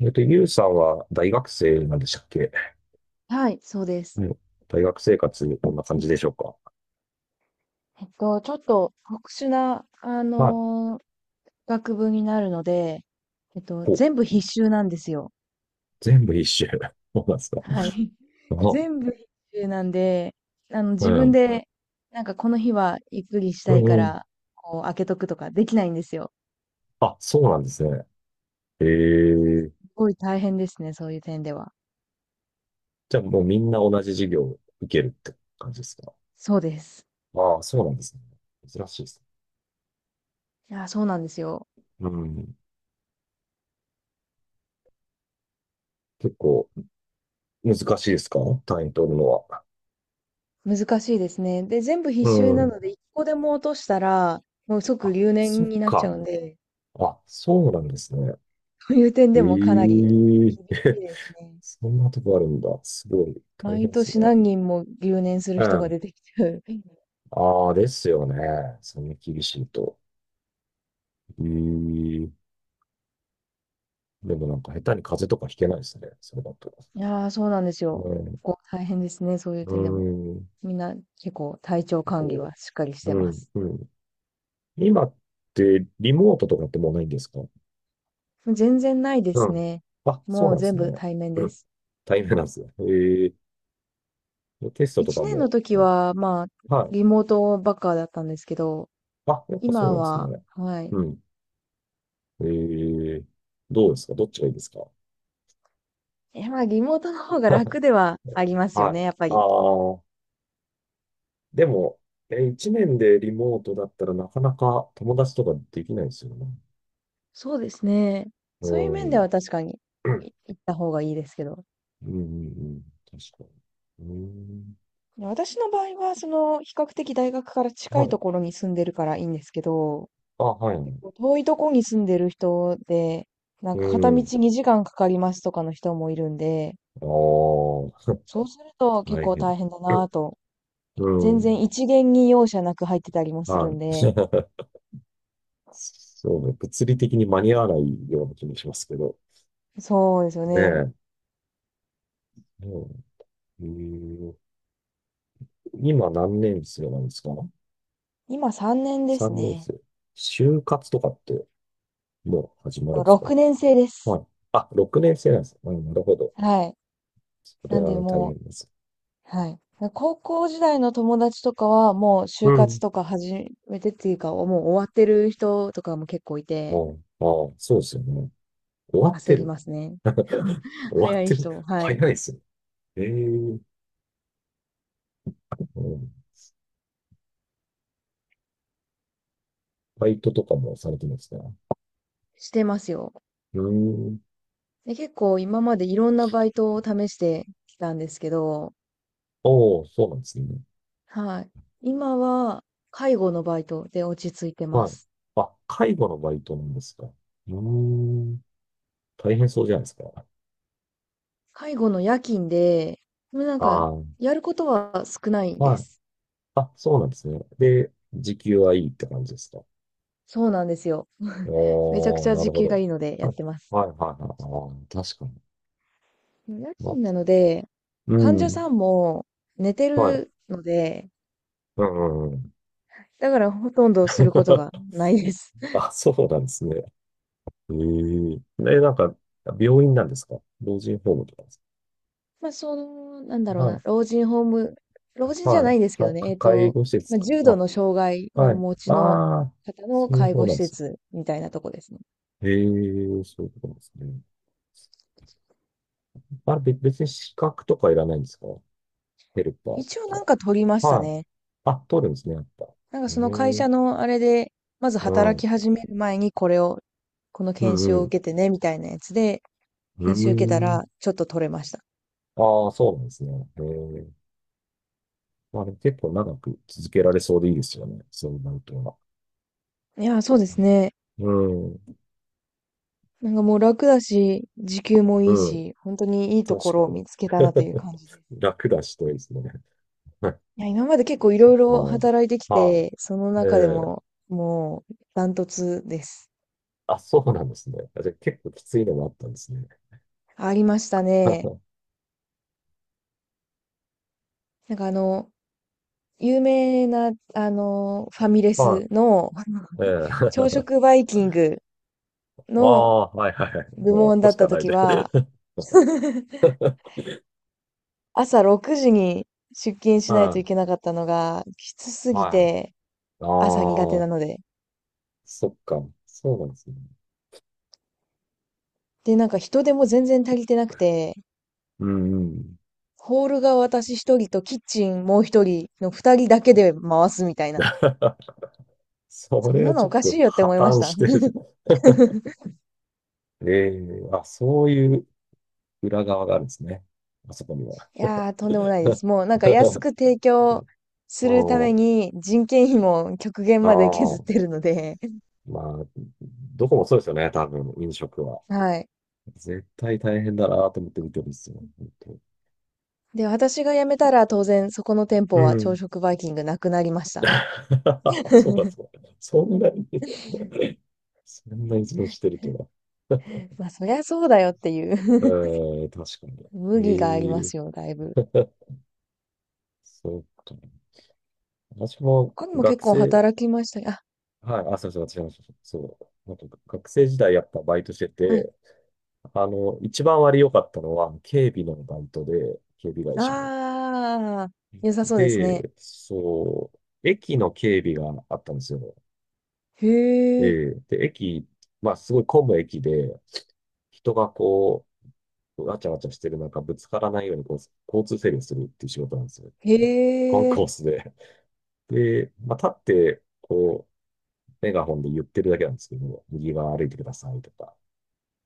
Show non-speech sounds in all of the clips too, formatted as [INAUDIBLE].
ゆうさんは大学生なんでしたっけ？はい、そうです。うん。大学生活、こんな感じでしょうか？ちょっと特殊な、はい。学部になるので、お、全部必修なんですよ。全部一周。[LAUGHS] そうなんですか。はい。[LAUGHS] あ、全部必修なんで、う自分ん。で、なんかこの日はゆっくりしうたんいかうん。ら、こう、開けとくとかできないんですよ。あ、そうなんですね。えすえ。ごい大変ですね、そういう点では。じゃあもうみんな同じ授業を受けるって感じですか？そうです。ああ、そうなんですね。珍しいですね。いや、そうなんですよ。うん。結構難しいですか？単位取るのは。難しいですね。で、全部必う修なん。ので、一個でも落としたら、もう即あ、留そ年っになっちゃか。うんで、あ、そうなんですね。という点でもかなえり厳しえ。 いです [LAUGHS] ね。そんなとこあるんだ。すごい大変毎です年ね。何人も留年するう人がん。出てきちゃう。うん。ああ、ですよね。そんな厳しいと。えーん、でもなんか下手に風邪とかひけないですね。それだと。いやー、そうなんですよ。うん。こう大変ですね、そういうう点でも。ん。みんな結構体調管理こはしっかりしう。てうまん。す。うん。今ってリモートとかってもうないんですか？全然ないでうすん。ね。あ、そうもうなんで全す部ね。対面うでん。す。大変なんですね。テストと一か年のも。時うん。は、まあ、はい。リモートばっかだったんですけど、あ、やっぱそう今なんですは、ね。はい。うん。ええ。どうですか？どっちがいいですか？ え、まあ、リモートの方が [LAUGHS] 楽ではありますよはい。ね、やっぱあり。あ、でも、一年でリモートだったらなかなか友達とかできないですよね。そうですね。うそういう面でん。は確かに、うん、行った方がいいですけど。うん、うん。確かに。うん。私の場合は、比較的大学から近はいい。ところに住んでるからいいんですけど、あ、はい。結構遠いところに住んでる人で、なんうか片道ん。2時間かかりますとかの人もいるんで、ああ、そうすると結大構変。大変だなぁと。う全ん。然一元に容赦なく入ってたりもするはい。んで、[LAUGHS] そうね。物理的に間に合わないような気もしますけど。そうですよねね。え。うん。うん。今何年生なんですか？ 今3年ですね。3 年生。就活とかってもう始まるんですか？6年生ではす。い。あ、6年生なんです。うん、なるほど。はい。それなんでは大も変です。う、はい。高校時代の友達とかは、もうう就活ん。とか始めてっていうか、もう終わってる人とかも結構いあて、あ、ああそうですよね。終わっ焦てりる。ますね。[LAUGHS] 終わっ早いてる。人、[LAUGHS] は早いい。ですね。ええ。うん。バイトとかもされてるんですね。してますよ。うーん。で、結構今までいろんなバイトを試してきたんですけど、おー、そうなんですね。はい。今は介護のバイトで落ち着いてまはい。す。あ、介護のバイトなんですか。うーん。大変そうじゃないですか。介護の夜勤で、でもなんか、ああ、やることは少ないではい。す。あ、そうなんですね。で、時給はいいって感じですか。そうなんですよ。めちゃくおちー、ゃな時るほ給がど。いいのでやあ、ってます。はいはいはい。ああ、確かに。夜まあ、勤なので、う患者ん。さんも寝てはい。るので、うんうんうん。だからほとんどすることが [LAUGHS] ないです。[LAUGHS] あ、そうなんですね。えええ、なんか、病院なんですか？老人ホームとかですまあ、なんだか？ろうはな、い。老人ホーム、老人じゃはないんでい。すけか、どね、か介護施ま設あ、か。重度の障害あ、をおはい。持ちのああ、方のそういう介方護な施んですね。設みたいなとこですね。ええ。そういうことなんですね。あれ、別に資格とかいらないんですか？ヘルパー一応なんとか取りまか。したはい。ね。あ、取るんですね、やっぱ。なんかえその会え。社のあれで、まずう働ん。き始める前にこれを、このう研修んをうん。受けてね、みたいなやつで、う研修受けたーん。らちょっと取れました。ああ、そうなんですね。ええ。まあでも結構長く続けられそうでいいですよね。そうなるとは。いや、そうですね。うん、なんかもう楽だし、時給もういいん、し、本当にいいと確ころかをに。見つけたなという感じです。[LAUGHS] 楽だしといいですね。[LAUGHS] いや、今まで結構いろいあろ働いてきあ、ああ。て、そのえ中でもえ。もうダントツです。あ、そうなんですね。あ、じゃあ結構きついのもあったんですね。ありましたね。[LAUGHS] なんか有名な、ファミレはスの [LAUGHS] い、え朝え。 食バイキング [LAUGHS] あのあ、はいはいはい。部もうあっ門こだしっかたない時じゃん。は、[LAUGHS] [LAUGHS] 朝6時に出勤しないとはいけい、なかったのがきつすぎはて、い。あ朝苦手なあ、ので、そっか。そうなんですね。で、なんか人手も全然足りてなくて、うんうん。ホールが私一人とキッチンもう一人の二人だけで回すみたいな。[LAUGHS] そそんれなはのちょおっかしといよって破思いまし綻た。してるじゃん。[LAUGHS] [LAUGHS] ええ。あ、そういう裏側があるんですね。あそこには。いやー、とんでもないです。もうなんか安 [LAUGHS] く提供うするためん。に人件費も極限あまで削ってあ、るので、[LAUGHS] まあ、どこもそうですよね、多分、飲食は。はい。絶対大変だなと思って見てるんですよ、本当。で、私が辞めたら当然そこの店う舗は朝ん。食バイキングなくなりました。[LAUGHS] そうだ [LAUGHS] そうだ。そんな依存してるとは。まあそりゃそうだよっていえう え。確か [LAUGHS] に。無理がありまえすえ。よ、だいぶ。そうか。私も他にも結学構生、働きました。あ、はい、あ、そうそう、私もそうそう。なんか学生時代やっぱバイトしてはい。て、一番割良かったのは、警備のバイトで、警備会社の。ああ、良さそうですで、ね。そう、駅の警備があったんですよ。へええ、ーで、まあ、すごい混む駅で、人がこう、わちゃわちゃしてる中、ぶつからないようにこう、交通整理をするっていう仕事なんですよ。へコンえ、コースで。で、まあ、立って、こう、メガホンで言ってるだけなんですけど、右側歩いてくださいとか。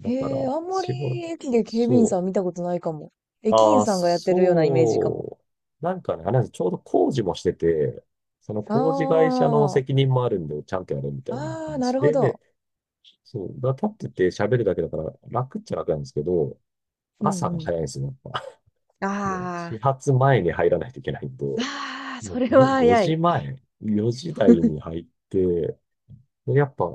だから、へえ、あんまり仕事、駅で警備員そさんう。見たことないかも。駅あ員あ、さんがやってるようなイメージかも。そう。なんかね、あれなんです、ちょうど工事もしてて、そのあ工事会社の責任もあるんで、ちゃんとやるみたあ、いなああ、な話るほで、ど。そう、だから立ってて喋るだけだから楽っちゃ楽なんですけど、うん朝がうん。早いんですよ、やっぱ。[LAUGHS] もうあ始発前に入らないといけないんで、あ、ああ、もそうれは5早時い。前、4時台に [LAUGHS] 入って、でやっぱ、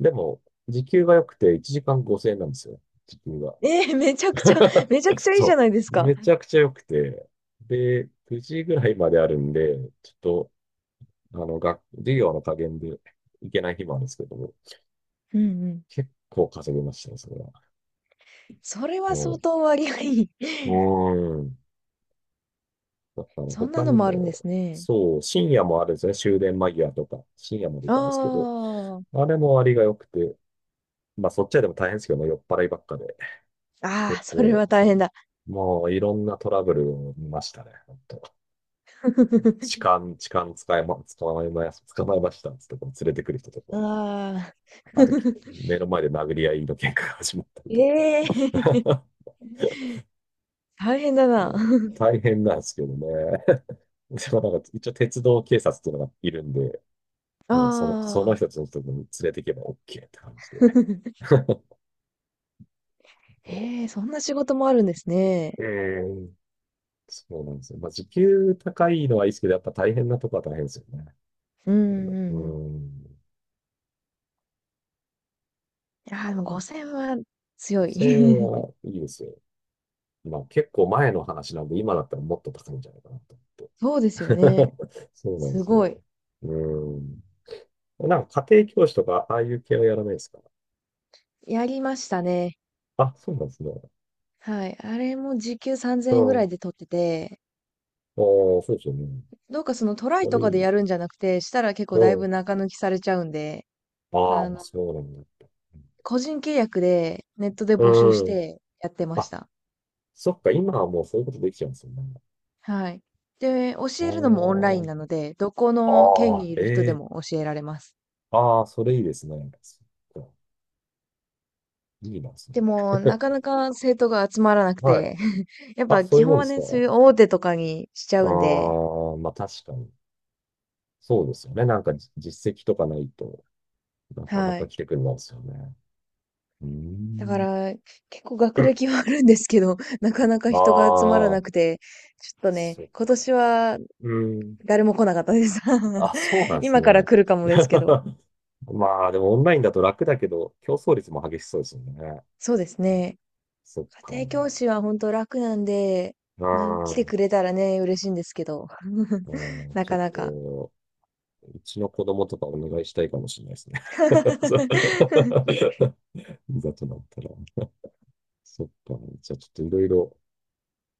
でも、時給が良くて1時間5000円なんですよ、時給が。えー、めちゃくちゃ、[LAUGHS] めちゃくちゃいいじゃそないですう。か。めちゃくちゃ良くて。で、9時ぐらいまであるんで、ちょっと、授業の加減で行けない日もあるんですけども、うんうん。結構稼ぎましたね、それは。それは相も当割がいい。う、[LAUGHS] うーん。だからそんな他のにもあるんでも、すね。そう、深夜もあるんですね。終電間際とか、深夜まで行かないですけど、ああれも割が良くて、まあそっちはでも大変ですけどね、酔っ払いばっかで。あ、あ結あ、それ構、は大そ変う。だ。もういろんなトラブルを見ましたね、本当。痴 [LAUGHS] 漢、痴漢捕まえましたっつってこう連れてくる人とか、ああ。あと [LAUGHS] 目の前で殴り合いの喧嘩が始まったりとか。ええ。[LAUGHS] [LAUGHS] 大変だうな。ん。 [LAUGHS] 大変なんですけどね。[LAUGHS] でもなんか一応鉄道警察っていうのがいるんで、もうそのああ。人たちのところに連れていけば OK って感じで。[LAUGHS] [LAUGHS] もええ、そんな仕事もあるんですね。う。そうなんですよ。まあ、時給高いのはいいですけど、やっぱ大変なとこは大変ですよね。うんうんううん。ーん。ああ、でも5000は強女い。性は [LAUGHS] いいですよ。まあ結構前の話なんで、今だったらもっと高いんじゃないかなと思って。そうですよね。[LAUGHS] そうなんですすごい。よ。うん。なんか家庭教師とか、ああいう系はやらないですか？やりましたね。あ、そうなんですね。はい。あれも時給3000う円ぐらいん。で取ってて、ああ、そうですよね。どうかそのトラあイとかでれ、やるんじゃなくて、したら結構うだいん。ぶ中抜きされちゃうんで、あああ、の、そうなんだ。個人契約でネットで募集しうん。てやってましあ、た。そっか、今はもうそういうことできちゃうんですよね。はい。で、教えるのもオンラあインなので、どこあ、の県ああ、にいる人でええ。も教えられます。ああ、それいいですね。そっか。いいな、それ。でも、なかなか生徒が集まらなくはい。て、[LAUGHS] やっあ、ぱそうい基う本もんではすか？ね、そういう大手とかにしちゃあうんで、あ、まあ確かに。そうですよね。なんか実績とかないとなかなはかい。来てくれないですよね。うーだかん。ら、結構学歴はあるんですけど、[LAUGHS] なかなかあ人が集まらあ、なくて、ちょっとね、そっ今か。年はうーん。誰も来なかったです。あ、そう [LAUGHS] なんです今からね。来るかもですけど。[LAUGHS] まあ、でもオンラインだと楽だけど、競争率も激しそうですよね。そうですね。そっか。家庭う教師はほんと楽なんで、まあ、来てん。くれたらね、嬉しいんですけど。[LAUGHS] うん、なちょっかなか。と、うちの子供とかお願いしたいかもしれないですね。[LAUGHS] そう。 [LAUGHS] [LAUGHS] いざとなったら。そっか。じゃあちょっといろいろ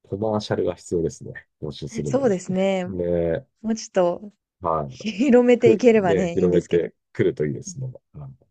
コマーシャルが必要ですね。募集するのそうに。です [LAUGHS] ね。ね。もうちょっとはい。広めていければで、ね、いいん広でめすけど。てくるといいですね。はい